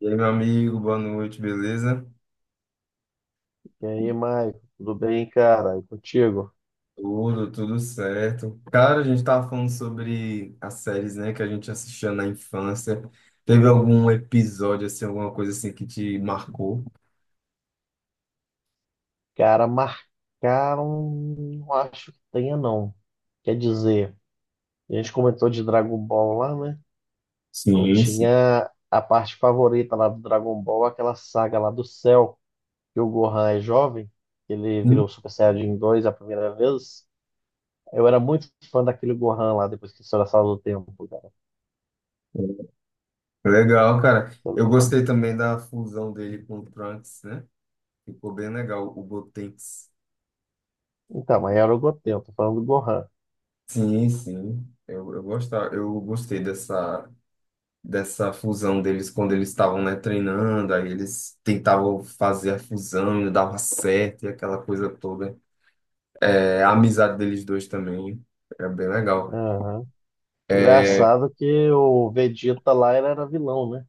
E aí, meu amigo, boa noite, beleza? E aí, Maicon, tudo bem, cara? E contigo? Tudo certo. Cara, a gente tava falando sobre as séries, né, que a gente assistia na infância. Teve algum episódio, assim, alguma coisa assim que te marcou? Cara, marcaram, não acho que tenha, não. Quer dizer, a gente comentou de Dragon Ball lá, né? Eu Sim, sim. tinha a parte favorita lá do Dragon Ball, aquela saga lá do céu, que o Gohan é jovem, ele virou Super Saiyajin 2 a primeira vez. Eu era muito fã daquele Gohan lá, depois que saiu da sala do tempo, cara. Legal, cara. Eu gostei também da fusão dele com o Trunks, né? Ficou bem legal, o Gotenks. Então, mas era o Goten, eu tô falando do Gohan. Sim, sim. Eu gostava, eu gostei dessa. Dessa fusão deles quando eles estavam, né, treinando, aí eles tentavam fazer a fusão e não dava certo e aquela coisa toda. É, a amizade deles dois também é bem legal. Aham. É, Engraçado que o Vegeta lá ele era vilão, né?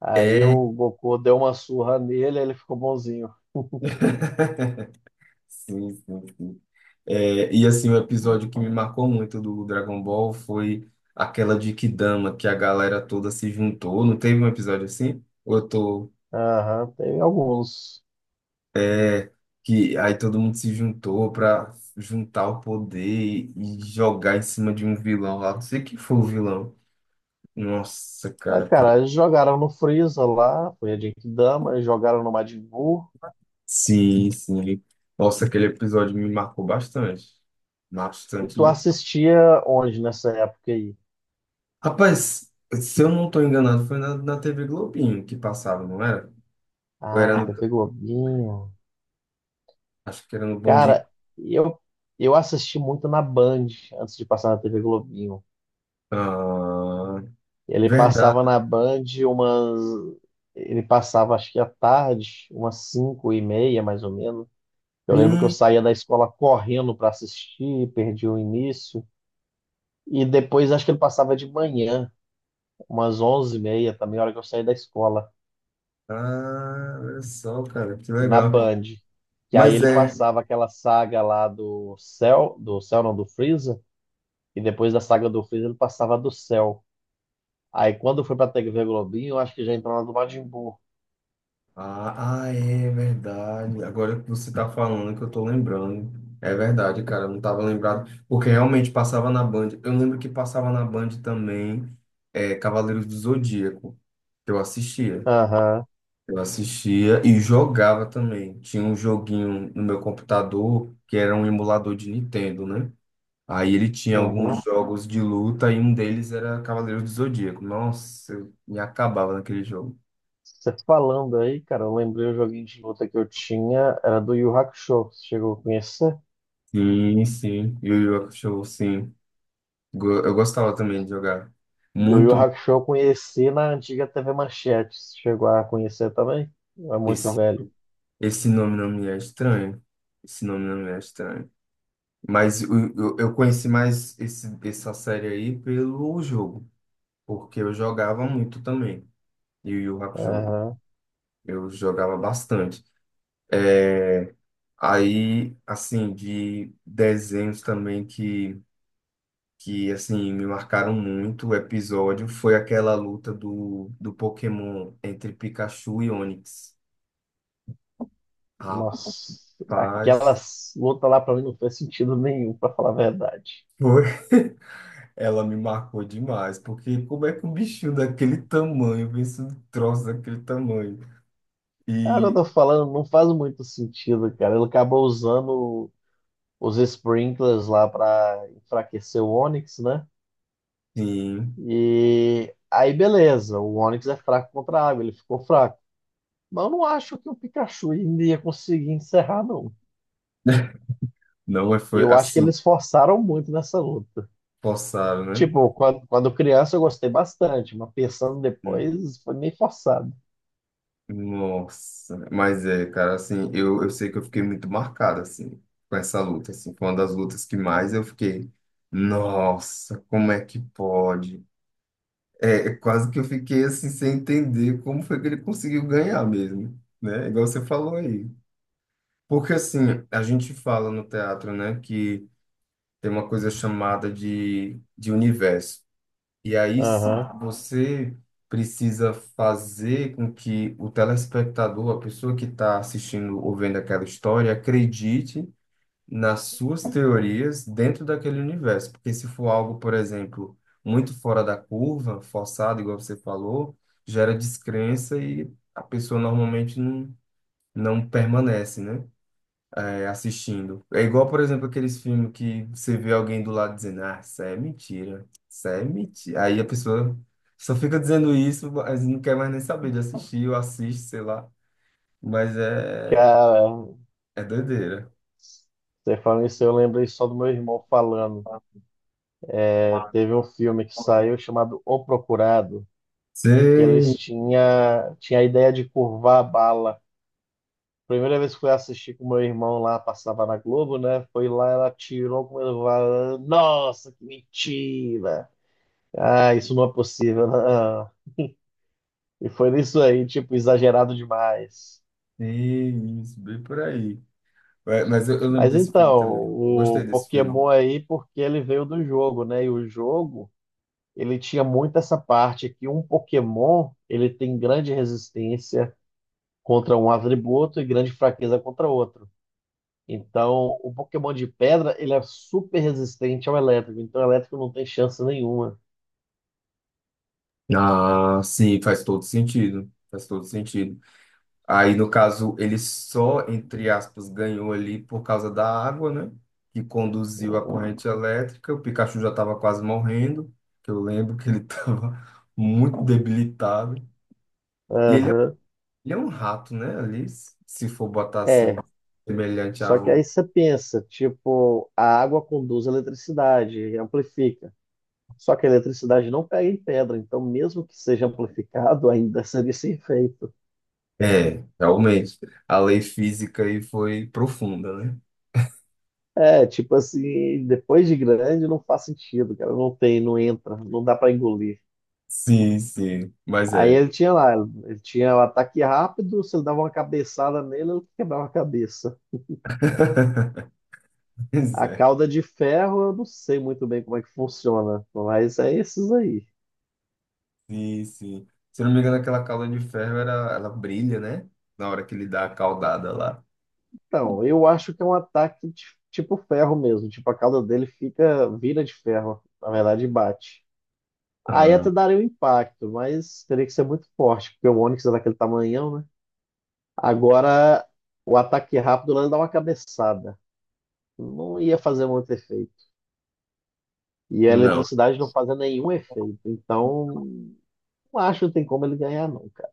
Aí é. o Goku deu uma surra nele, ele ficou bonzinho. Sim, sim, sim. É, e assim, o episódio que me marcou muito do Dragon Ball foi aquela de Kidama, que a galera toda se juntou. Não teve um episódio assim? Ou eu tô. Aham, tem alguns. Que aí todo mundo se juntou pra juntar o poder e jogar em cima de um vilão lá. Não sei quem foi o vilão. Nossa, Ah, cara. Cara, eles jogaram no Freeza lá, foi a Genkidama, eles jogaram no Majin Buu. Sim, sim. Nossa, aquele episódio me marcou bastante. E Bastante tu mesmo. assistia onde nessa época aí? Rapaz, se eu não tô enganado, foi na TV Globinho que passava, não era? Ou Ah, era na no, TV Globinho. acho que era no Bom Dia. Cara, eu, eu assisti muito na Band, antes de passar na TV Globinho. Ah, Ele verdade. passava na Band umas... Ele passava, acho que à tarde, umas 5:30, mais ou menos. Eu lembro que eu Hum. saía da escola correndo para assistir, perdi o início. E depois acho que ele passava de manhã, umas 11:30 também, a hora que eu saí da escola, Ah, olha só, cara, que na legal. Band. Que aí Mas ele é. passava aquela saga lá do Cell não, do Freeza. E depois da saga do Freeza ele passava do Cell. Aí quando foi pra TV Globinho, eu acho que já entrou na do Majin Buu. Ah, ah, é verdade. Agora que você tá falando que eu tô lembrando. É verdade, cara, eu não tava lembrado. Porque realmente passava na Band. Eu lembro que passava na Band também é, Cavaleiros do Zodíaco, que eu assistia. Aham, Eu assistia e jogava também. Tinha um joguinho no meu computador que era um emulador de Nintendo, né? Aí ele tinha alguns uhum. jogos de luta e um deles era Cavaleiros do Zodíaco. Nossa, eu me acabava naquele jogo. Você falando aí, cara, eu lembrei o joguinho de luta que eu tinha, era do Yu Hakusho. Você chegou a conhecer? Sim, sim. Yu Yu Hakusho, sim. Eu gostava também de jogar. E o Yu Muito. Hakusho eu conheci na antiga TV Manchete. Você chegou a conhecer também? É muito Esse, velho. esse nome não me é estranho. Esse nome não me é estranho. Mas eu conheci mais esse, essa série aí pelo jogo, porque eu jogava muito também. E o Yu Yu Hakusho, Aham. eu jogava bastante. É, aí, assim, de desenhos também que assim, me marcaram muito o episódio foi aquela luta do, do Pokémon entre Pikachu e Onix. Nossa, Rapaz. aquelas lutas lá pra mim não fez sentido nenhum, pra falar a verdade. Foi. Ela me marcou demais, porque como é que um bichinho daquele tamanho vence um troço daquele tamanho? Ah, agora eu E, tô falando, não faz muito sentido, cara. Ele acabou usando os sprinklers lá pra enfraquecer o Onix, né? sim, E aí, beleza, o Onix é fraco contra a água, ele ficou fraco. Mas eu não acho que o Pikachu ainda ia conseguir encerrar, não. não é- foi Eu acho que assim, eles forçaram muito nessa luta. forçado, né? Tipo, quando criança eu gostei bastante, mas pensando Hum. depois foi meio forçado. Nossa, mas é, cara, assim, eu sei que eu fiquei muito marcado, assim, com essa luta, assim, foi uma das lutas que mais eu fiquei, nossa, como é que pode? É, é quase que eu fiquei, assim, sem entender como foi que ele conseguiu ganhar mesmo, né? Igual você falou aí. Porque assim, a gente fala no teatro, né, que tem uma coisa chamada de universo. E Aham. você precisa fazer com que o telespectador, a pessoa que está assistindo ou vendo aquela história, acredite nas suas teorias dentro daquele universo. Porque se for algo, por exemplo, muito fora da curva, forçado, igual você falou, gera descrença e a pessoa normalmente não, não permanece, né? É, assistindo. É igual, por exemplo, aqueles filmes que você vê alguém do lado dizendo, ah, isso aí é mentira, isso aí é mentira. Aí a pessoa só fica dizendo isso, mas não quer mais nem saber de assistir, ou assiste, sei lá. Mas é, Cara, é doideira. você falando isso, eu lembrei só do meu irmão falando. É, teve um filme que saiu chamado O Procurado, que eles Sei, tinha, tinha a ideia de curvar a bala. Primeira vez que fui assistir com meu irmão lá, passava na Globo, né? Foi lá, ela tirou com ele, falou, nossa, que mentira! Ah, isso não é possível, não. E foi nisso aí, tipo, exagerado demais. sim, isso, bem por aí. É, mas eu lembro Mas desse filme então, também. Eu gostei o desse filme. Pokémon aí, porque ele veio do jogo, né? E o jogo, ele tinha muito essa parte que um Pokémon, ele tem grande resistência contra um atributo e grande fraqueza contra outro. Então, o Pokémon de pedra, ele é super resistente ao elétrico, então o elétrico não tem chance nenhuma. Ah, sim, faz todo sentido. Faz todo sentido. Aí, no caso, ele só, entre aspas, ganhou ali por causa da água, né? Que conduziu a corrente elétrica. O Pikachu já estava quase morrendo, que eu lembro que ele estava muito debilitado. E Aham. ele é um rato, né? Ali, se for botar assim, É, semelhante só a que um. aí você pensa, tipo, a água conduz a eletricidade, amplifica. Só que a eletricidade não pega em pedra, então mesmo que seja amplificado, ainda seria sem efeito. É, realmente. A lei física aí foi profunda, né? É, tipo assim, depois de grande não faz sentido, cara, não tem, não entra, não dá pra engolir. Sim, sim. Mas Aí é. ele tinha lá, ele tinha o ataque rápido, se ele dava uma cabeçada nele, ele quebrava a cabeça. Pois A é. cauda de ferro, eu não sei muito bem como é que funciona, mas é esses aí. Sim, sim. Se eu não me engano, aquela calda de ferro, era, ela brilha, né? Na hora que ele dá a caudada lá. Então, eu acho que é um ataque tipo ferro mesmo, tipo a cauda dele fica, vira de ferro, na verdade bate. Aí Ah, até daria um impacto, mas teria que ser muito forte, porque o Onix é daquele tamanhão, né? Agora, o ataque rápido lá dá uma cabeçada. Não ia fazer muito efeito. E a não. eletricidade não fazia nenhum efeito. Então, não acho que tem como ele ganhar, não, cara.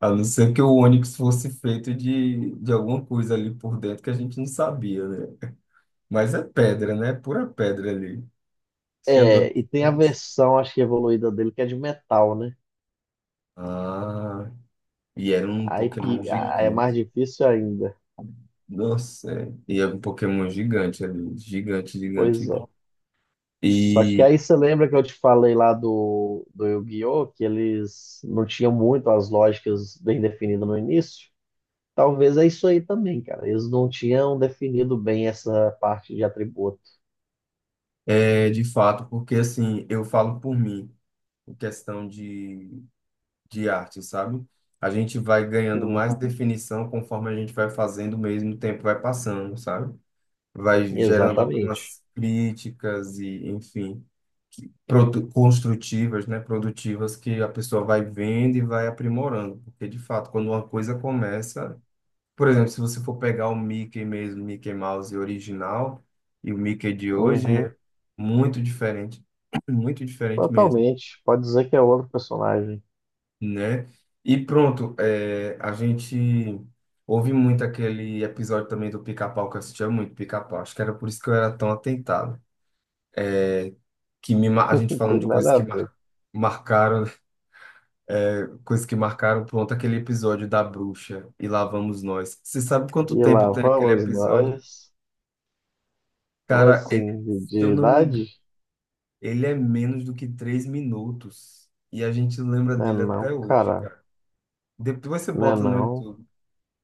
A não ser que o Onix fosse feito de alguma coisa ali por dentro que a gente não sabia, né? Mas é pedra, né? Pura pedra ali. Tinha É, e dois. tem a versão, acho que evoluída dele, que é de metal, né? Ah, e era um Aí pi- Pokémon aí é mais gigante. difícil ainda. Nossa, é. E era um Pokémon gigante ali. Gigante, gigante. Pois é. Só que E aí você lembra que eu te falei lá do Yu-Gi-Oh! Que eles não tinham muito as lógicas bem definidas no início? Talvez é isso aí também, cara. Eles não tinham definido bem essa parte de atributo. é de fato, porque assim, eu falo por mim, em questão de arte, sabe? A gente vai ganhando Hum. mais definição conforme a gente vai fazendo mesmo, o tempo vai passando, sabe? Vai gerando sim. Exatamente. Algumas críticas e, enfim, construtivas, né? Produtivas que a pessoa vai vendo e vai aprimorando. Porque, de fato, quando uma coisa começa... Por exemplo, se você for pegar o Mickey mesmo, Mickey Mouse original e o Mickey de hoje, é Uhum. muito diferente. Muito diferente mesmo. Totalmente. Pode dizer que é outro personagem. Né? E pronto, é, a gente ouve muito aquele episódio também do Pica-Pau, que eu assistia muito Pica-Pau. Acho que era por isso que eu era tão atentado. A gente Não falando tem de coisas nada a que ver. Marcaram, coisas que marcaram, pronto, aquele episódio da bruxa e lá vamos nós. Você sabe quanto E tempo lá tem aquele vamos episódio? nós. Como Cara, assim? De, se de eu não me engano, idade? ele é menos do que 3 minutos. E a gente lembra Né dele não, até hoje, cara. cara. Depois você Né bota no não. YouTube.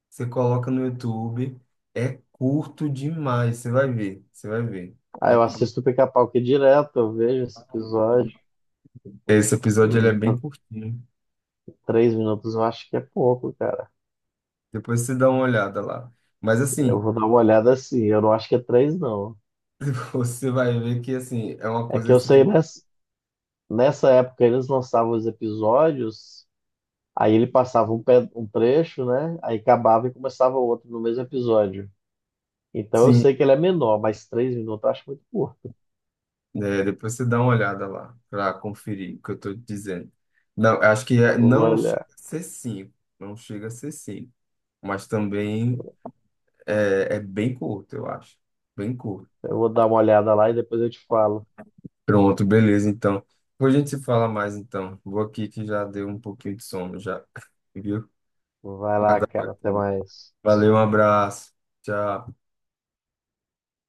Você coloca no YouTube, é curto demais, você vai ver, você vai ver. Ah, É eu curto. assisto o Pica-Pau aqui direto, eu vejo esse episódio. Esse episódio ele é bem tá. curtinho. 3 minutos eu acho que é pouco, cara. Depois você dá uma olhada lá. Mas Eu assim, vou dar uma olhada assim. Eu não acho que é três, não. você vai ver que assim, é uma É coisa que eu assim que sei, nessa época eles lançavam os episódios, aí ele passava um, um trecho, né? Aí acabava e começava outro no mesmo episódio. Então eu sim, sei que ele é menor, mas 3 minutos eu acho muito curto. né? Depois você dá uma olhada lá para conferir o que eu tô dizendo. Não, eu acho que é, Eu vou não chega olhar. a ser cinco, não chega a ser cinco, mas também é, é bem curto, eu acho. Bem curto. Eu vou dar uma olhada lá e depois eu te falo. Pronto, beleza, então. Depois a gente se fala mais, então. Vou aqui que já deu um pouquinho de sono, já. Viu? Vai lá, Cada cara. hora. Até mais. Valeu, um abraço. Tchau.